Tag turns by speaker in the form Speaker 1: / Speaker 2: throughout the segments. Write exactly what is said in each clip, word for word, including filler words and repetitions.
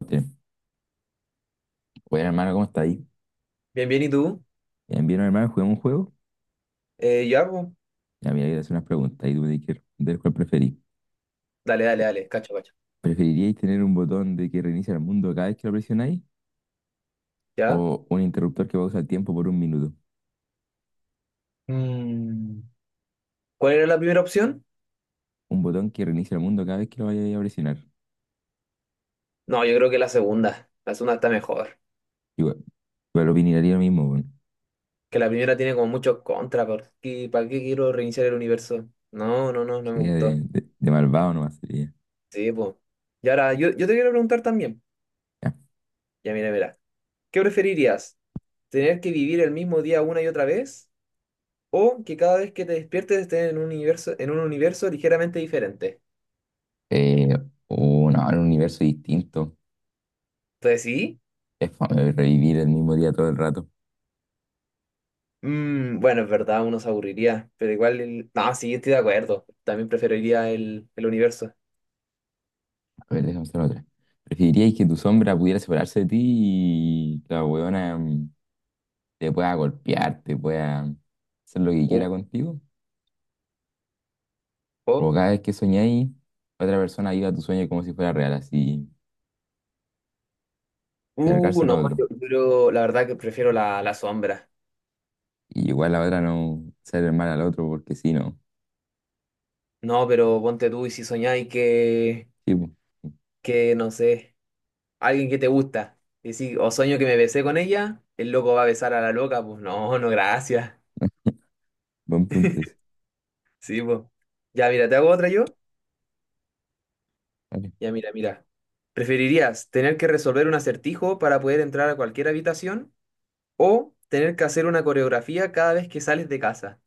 Speaker 1: Bien. Bueno, hermano, ¿cómo está ahí?
Speaker 2: Bien, bien, ¿y tú?
Speaker 1: Bien, bien, hermano, juguemos un juego.
Speaker 2: Eh, ya, pues.
Speaker 1: Ya, mira, voy a hacer unas preguntas y tú me tienes que responder cuál preferís.
Speaker 2: Dale, dale, dale, cacho, cacho.
Speaker 1: ¿Preferiríais tener un botón de que reinicia el mundo cada vez que lo presionáis
Speaker 2: ¿Ya?
Speaker 1: o un interruptor que pausa el tiempo por un minuto?
Speaker 2: Mm, ¿Cuál era la primera opción?
Speaker 1: Un botón que reinicia el mundo cada vez que lo vayáis a presionar.
Speaker 2: No, yo creo que la segunda. La segunda está mejor.
Speaker 1: Igual, igual opinaría lo mismo, bueno.
Speaker 2: Que la primera tiene como muchos contras. ¿Por qué, para qué quiero reiniciar el universo? No, no, no, no me
Speaker 1: Sería
Speaker 2: gustó.
Speaker 1: de, de, de malvado nomás, sería.
Speaker 2: Sí, pues. Y ahora, yo, yo te quiero preguntar también.
Speaker 1: Ya.
Speaker 2: Ya, mira, mira. ¿Qué preferirías? ¿Tener que vivir el mismo día una y otra vez? ¿O que cada vez que te despiertes estés en un universo, en un universo ligeramente diferente?
Speaker 1: Eh, o no, era un universo distinto.
Speaker 2: Entonces, sí.
Speaker 1: Es fome revivir el mismo día todo el rato.
Speaker 2: Mm, bueno, es verdad, uno se aburriría, pero igual, el... no, sí, estoy de acuerdo. También preferiría el, el universo.
Speaker 1: A ver, déjame hacer otra. ¿Preferiríais que tu sombra pudiera separarse de ti y la huevona, te pueda golpear, te pueda hacer lo que
Speaker 2: Uh,
Speaker 1: quiera contigo? O
Speaker 2: oh.
Speaker 1: cada vez que soñáis, otra persona viva tu sueño como si fuera real, así,
Speaker 2: Uh,
Speaker 1: cargárselo a
Speaker 2: no,
Speaker 1: otro.
Speaker 2: yo, yo la verdad que prefiero la, la sombra.
Speaker 1: Y igual la otra no ser mal al otro, porque si no.
Speaker 2: No, pero ponte tú y si soñáis que,
Speaker 1: Sí, po.
Speaker 2: que, no sé, alguien que te gusta, y si, o sueño que me besé con ella, el loco va a besar a la loca, pues no, no, gracias.
Speaker 1: Buen punto ese.
Speaker 2: Sí, pues. Ya, mira, ¿te hago otra yo?
Speaker 1: Vale.
Speaker 2: Ya, mira, mira. ¿Preferirías tener que resolver un acertijo para poder entrar a cualquier habitación? ¿O tener que hacer una coreografía cada vez que sales de casa?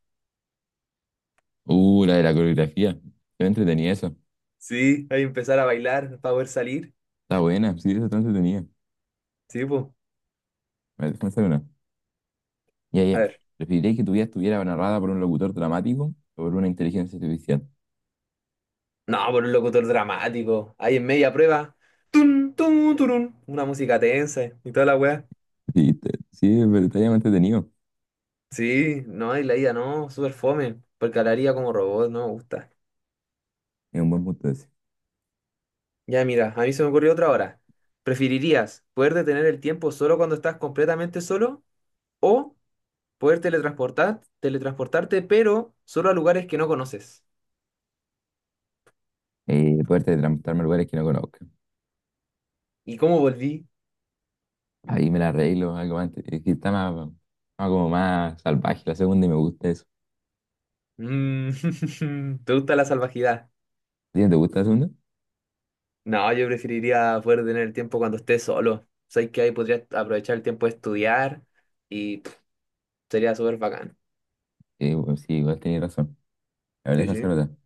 Speaker 1: Uh, la de la coreografía. Yo entretenía eso.
Speaker 2: Sí, hay que empezar a bailar para poder salir.
Speaker 1: Está buena, sí, eso está entretenida.
Speaker 2: Sí, pues.
Speaker 1: A ver, déjame hacer una. Ya,
Speaker 2: A
Speaker 1: ya.
Speaker 2: ver.
Speaker 1: ¿Preferirías que tu vida estuviera narrada por un locutor dramático o por una inteligencia artificial?
Speaker 2: No, por un locutor dramático. Ahí en media prueba. Tun, tun, turun. Una música tensa y toda la weá.
Speaker 1: Sí, está- sí, pero está bien entretenido.
Speaker 2: Sí, no, y la ida no, súper fome. Porque hablaría como robot, no me gusta.
Speaker 1: Es un buen punto ese.
Speaker 2: Ya, mira, a mí se me ocurrió otra hora. ¿Preferirías poder detener el tiempo solo cuando estás completamente solo? ¿O poder teletransportar, teletransportarte, pero solo a lugares que no conoces?
Speaker 1: Y poder teletransportarme a lugares que no conozco.
Speaker 2: ¿Y cómo volví?
Speaker 1: Ahí me la arreglo, algo más. Es que está más, más como más salvaje la segunda y me gusta eso.
Speaker 2: Mm, ¿Te gusta la salvajidad?
Speaker 1: ¿A ti no te gusta la segunda?
Speaker 2: No, yo preferiría poder tener el tiempo cuando esté solo. Sabes que ahí podría aprovechar el tiempo de estudiar y pff, sería súper bacán.
Speaker 1: Eh, bueno, sí, igual tenías razón. La verdad
Speaker 2: Sí,
Speaker 1: es que
Speaker 2: sí.
Speaker 1: no se nota.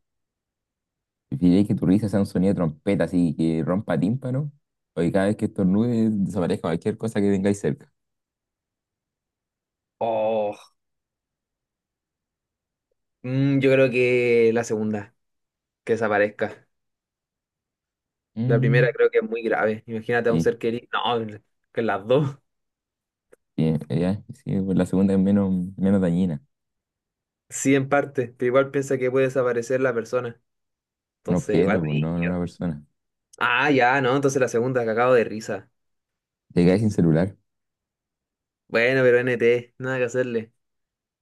Speaker 1: ¿Preferirías que tu risa sea un sonido de trompeta así que rompa tímpano? O que cada vez que estornudes desaparezca cualquier cosa que tengáis cerca.
Speaker 2: Oh, mm, yo creo que la segunda, que desaparezca. La primera
Speaker 1: Mm,
Speaker 2: creo que es muy grave. Imagínate a un
Speaker 1: sí,
Speaker 2: ser querido. No, que las dos.
Speaker 1: sí, eh, ya, sí, pues la segunda es menos, menos dañina.
Speaker 2: Sí, en parte, pero igual piensa que puede desaparecer la persona.
Speaker 1: Un
Speaker 2: Entonces, igual
Speaker 1: objeto, pues no, no una
Speaker 2: brígido.
Speaker 1: persona.
Speaker 2: Ah, ya, no, entonces la segunda, que acabo de risa.
Speaker 1: Te quedas sin celular.
Speaker 2: Bueno, pero N T, nada que hacerle.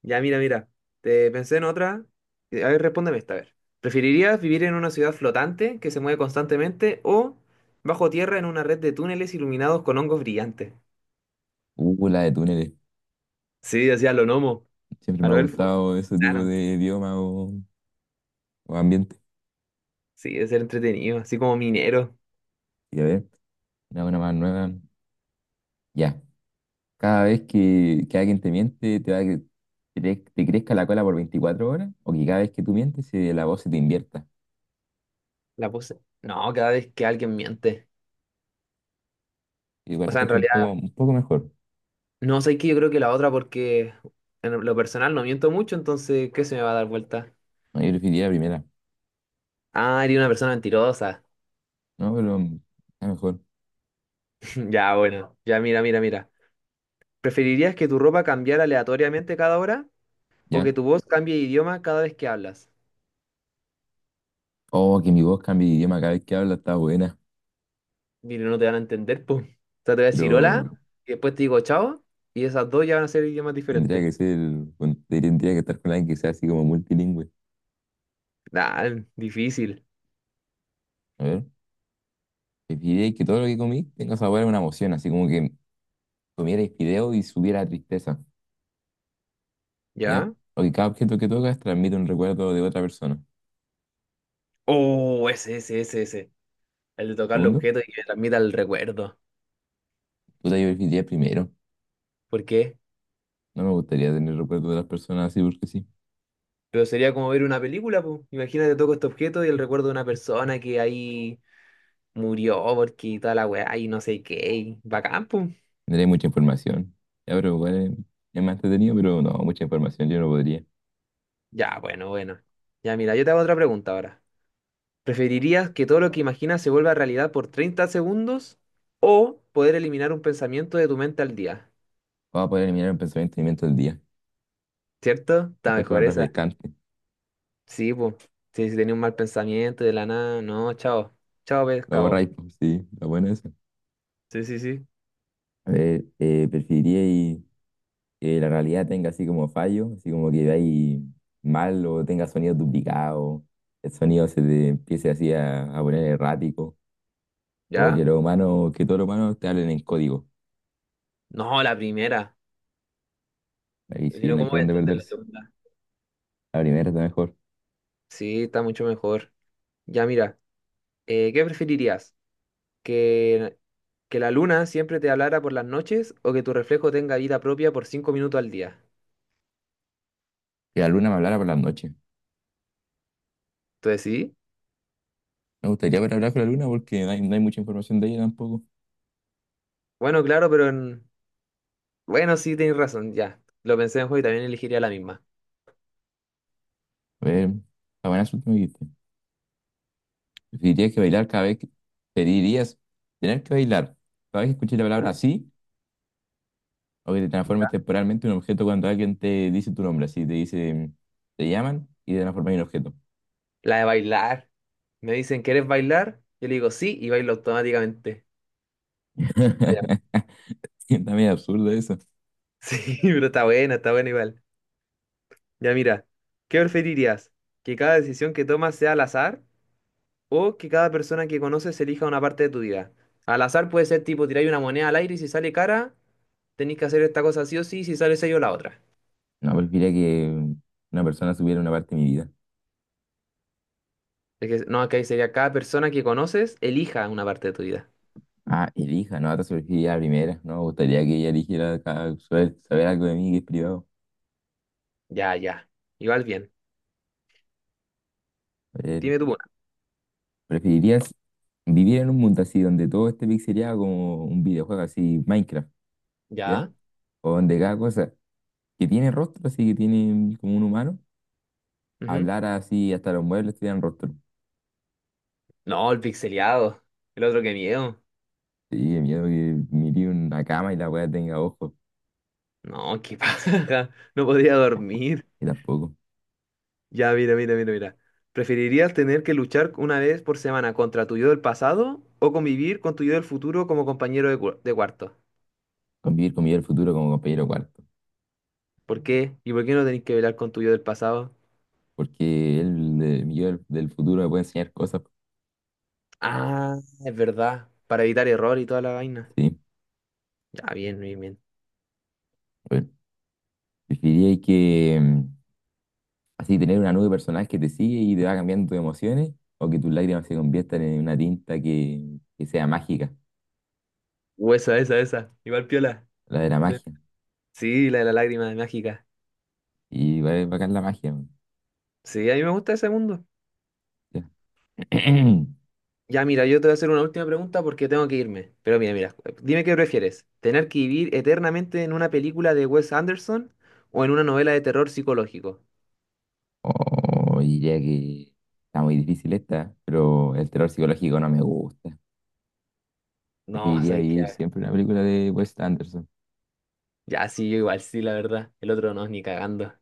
Speaker 2: Ya, mira, mira. Te pensé en otra. Eh, A ver, respóndeme esta, a ver. ¿Preferirías vivir en una ciudad flotante que se mueve constantemente o bajo tierra en una red de túneles iluminados con hongos brillantes?
Speaker 1: Uh, la de túneles.
Speaker 2: Sí, hacía lo gnomo,
Speaker 1: Siempre
Speaker 2: a
Speaker 1: me ha
Speaker 2: lo elfo.
Speaker 1: gustado ese tipo
Speaker 2: Claro,
Speaker 1: de idioma o o, ambiente.
Speaker 2: sí, es ser entretenido, así como minero.
Speaker 1: Y a ver, una buena más nueva. Ya. Cada vez que, que alguien te miente, te va a que que te, te crezca la cola por veinticuatro horas, o que cada vez que tú mientes, se- la voz se te invierta.
Speaker 2: La puse. No, cada vez que alguien miente.
Speaker 1: Igual
Speaker 2: O
Speaker 1: la
Speaker 2: sea, en
Speaker 1: encuentro un poco,
Speaker 2: realidad,
Speaker 1: un poco mejor.
Speaker 2: no sé qué, yo creo que la otra porque en lo personal no miento mucho, entonces, ¿qué se me va a dar vuelta?
Speaker 1: No, yo preferiría la primera.
Speaker 2: Ah, eres una persona mentirosa.
Speaker 1: No, pero mm, está mejor.
Speaker 2: Ya, bueno, ya mira, mira, mira. ¿Preferirías que tu ropa cambiara aleatoriamente cada hora o
Speaker 1: ¿Ya?
Speaker 2: que tu voz cambie de idioma cada vez que hablas?
Speaker 1: Oh, que mi voz cambie de idioma cada vez que habla, está buena.
Speaker 2: Mira, no te van a entender, po. O sea, te voy a decir hola,
Speaker 1: Pero
Speaker 2: y después te digo chao, y esas dos ya van a ser idiomas
Speaker 1: tendría
Speaker 2: diferentes.
Speaker 1: que ser, con- tendría que estar con alguien que sea así como multilingüe.
Speaker 2: Nah, difícil,
Speaker 1: A ver, preferiría que todo lo que comí tenga sabor a una emoción, así como que comiera fideo y subiera tristeza. ¿Ya?
Speaker 2: ¿ya?
Speaker 1: O que cada objeto que tocas transmite un recuerdo de otra persona.
Speaker 2: Oh, ese, ese, ese, ese. El de tocar los
Speaker 1: Segundo,
Speaker 2: objetos y que me transmita el recuerdo.
Speaker 1: tú te identificarías primero.
Speaker 2: ¿Por qué?
Speaker 1: No me gustaría tener recuerdos de las personas así porque sí.
Speaker 2: Pero sería como ver una película, po. Imagínate, toco este objeto y el recuerdo de una persona que ahí murió porque toda la weá y no sé qué. Y bacán, po.
Speaker 1: Tendría mucha información. Ya, pero igual es, es más entretenido, pero no, mucha información yo no podría.
Speaker 2: Ya, bueno, bueno. Ya, mira, yo te hago otra pregunta ahora. ¿Preferirías que todo lo que imaginas se vuelva realidad por treinta segundos o poder eliminar un pensamiento de tu mente al día?
Speaker 1: Vamos a poder eliminar el pensamiento y sentimiento del día.
Speaker 2: ¿Cierto?
Speaker 1: Lo
Speaker 2: Está
Speaker 1: encuentro
Speaker 2: mejor
Speaker 1: más
Speaker 2: esa.
Speaker 1: refrescante.
Speaker 2: Sí, pues. Sí, si tenía un mal pensamiento de la nada, no, chao. Chao,
Speaker 1: Lo
Speaker 2: pescado.
Speaker 1: borráis, pues, sí, lo bueno es eso.
Speaker 2: Sí, sí, sí.
Speaker 1: A ver, eh, preferiría y que la realidad tenga así como fallo, así como que veáis mal o tenga sonidos duplicados, el sonido se te empiece así a, a poner errático. O
Speaker 2: ¿Ya?
Speaker 1: que los humanos, que todos los humanos te hablen en código.
Speaker 2: No, la primera.
Speaker 1: Ahí
Speaker 2: Pero si
Speaker 1: sí,
Speaker 2: no,
Speaker 1: no hay
Speaker 2: ¿cómo
Speaker 1: por
Speaker 2: voy a
Speaker 1: dónde
Speaker 2: entender la
Speaker 1: perderse.
Speaker 2: segunda?
Speaker 1: La primera está mejor.
Speaker 2: Sí, está mucho mejor. Ya, mira, eh, ¿qué preferirías? que, que la luna siempre te hablara por las noches o que tu reflejo tenga vida propia por cinco minutos al día.
Speaker 1: Que la luna me hablara por las noches.
Speaker 2: Entonces sí,
Speaker 1: Me gustaría poder hablar con la luna porque no hay, no hay mucha información de ella tampoco.
Speaker 2: bueno, claro, pero en- bueno, sí, tienes razón, ya. Lo pensé mejor y también elegiría la misma.
Speaker 1: A ver, la buena suerte me dijiste. Preferirías que bailar cada vez que. Preferirías tener que bailar cada vez que escuches la
Speaker 2: ¿Ya?
Speaker 1: palabra así o que te transformes temporalmente en un objeto cuando alguien te dice tu nombre. Así te dice, te llaman y te transformas en un objeto.
Speaker 2: La de bailar. Me dicen, ¿quieres bailar? Yo le digo sí y bailo automáticamente. Ah, ya.
Speaker 1: Está medio absurdo eso.
Speaker 2: Sí, pero está buena, está buena igual. Ya mira, ¿qué preferirías? ¿Que cada decisión que tomas sea al azar o que cada persona que conoces elija una parte de tu vida? Al azar puede ser tipo tirar una moneda al aire y si sale cara, tenéis que hacer esta cosa sí o sí, si sale sello la otra.
Speaker 1: No, preferiría que una persona supiera una parte de mi vida.
Speaker 2: Es que, no, acá sería cada persona que conoces elija una parte de tu vida.
Speaker 1: Ah, elija, no, te surgiría la primera. No me gustaría que ella eligiera ca- saber, saber algo de mí que es privado.
Speaker 2: Ya, ya. Igual bien.
Speaker 1: Eh,
Speaker 2: Dime tú una.
Speaker 1: ¿Preferirías vivir en un mundo así donde todo esté pixelado como un videojuego así, Minecraft, ¿ya?
Speaker 2: Ya.
Speaker 1: o donde cada cosa que tiene rostro, así que tiene como un humano,
Speaker 2: Ujú.
Speaker 1: hablara así, hasta los muebles tuvieran rostro?
Speaker 2: No, el pixeleado. El otro que miedo.
Speaker 1: Sí, de miedo que mire una cama y la weá tenga ojos,
Speaker 2: No, qué pasa. No podía dormir.
Speaker 1: y tampoco.
Speaker 2: Ya, mira, mira, mira, mira. ¿Preferirías tener que luchar una vez por semana contra tu yo del pasado o convivir con tu yo del futuro como compañero de, cua- de cuarto?
Speaker 1: Convivir con mi yo del futuro como compañero cuarto.
Speaker 2: ¿Por qué? ¿Y por qué no tenéis que velar con tu yo del pasado?
Speaker 1: Porque él, eh, mi yo del, del futuro me puede enseñar cosas.
Speaker 2: Ah, es verdad. Para evitar error y toda la vaina.
Speaker 1: Sí,
Speaker 2: Ah, bien, bien, bien.
Speaker 1: bueno. ¿Preferiríais que. mm, así tener una nube personal que te sigue y te va cambiando tus emociones, o que tus lágrimas se conviertan en una tinta que, que sea mágica,
Speaker 2: Huesa, esa, esa. Igual piola.
Speaker 1: la de la
Speaker 2: Sí,
Speaker 1: magia?
Speaker 2: sí, la de la lágrima mágica.
Speaker 1: Y va a bacán la magia, man.
Speaker 2: Sí, a mí me gusta ese mundo.
Speaker 1: Ya.
Speaker 2: Ya, mira, yo te voy a hacer una última pregunta porque tengo que irme. Pero mira, mira, dime qué prefieres. ¿Tener que vivir eternamente en una película de Wes Anderson o en una novela de terror psicológico?
Speaker 1: Oh, diría que está muy difícil esta, pero el terror psicológico no me gusta.
Speaker 2: No,
Speaker 1: Preferiría
Speaker 2: soy
Speaker 1: vivir
Speaker 2: que...
Speaker 1: siempre una película de Wes Anderson.
Speaker 2: Ya, sí, yo igual, sí, la verdad. El otro no, ni cagando.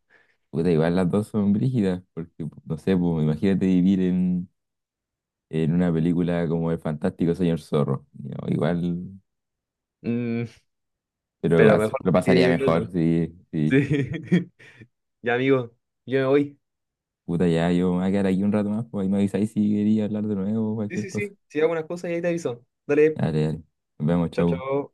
Speaker 1: Puta, igual las dos son brígidas, porque no sé, pues, imagínate vivir en, en, una película como El Fantástico Señor Zorro. No, igual,
Speaker 2: Mm,
Speaker 1: pero
Speaker 2: pero
Speaker 1: igual
Speaker 2: mejor
Speaker 1: lo pasaría
Speaker 2: que el
Speaker 1: mejor,
Speaker 2: otro.
Speaker 1: sí,
Speaker 2: Sí.
Speaker 1: sí.
Speaker 2: Ya, amigo, yo me voy.
Speaker 1: Puta, ya, yo me voy a quedar aquí un rato más, pues ahí me avisáis si quería hablar de nuevo o
Speaker 2: Sí,
Speaker 1: cualquier
Speaker 2: sí,
Speaker 1: cosa.
Speaker 2: sí. Si hago unas cosas y ahí te aviso. Dale,
Speaker 1: Dale, dale. Nos vemos,
Speaker 2: chao,
Speaker 1: chau.
Speaker 2: chao.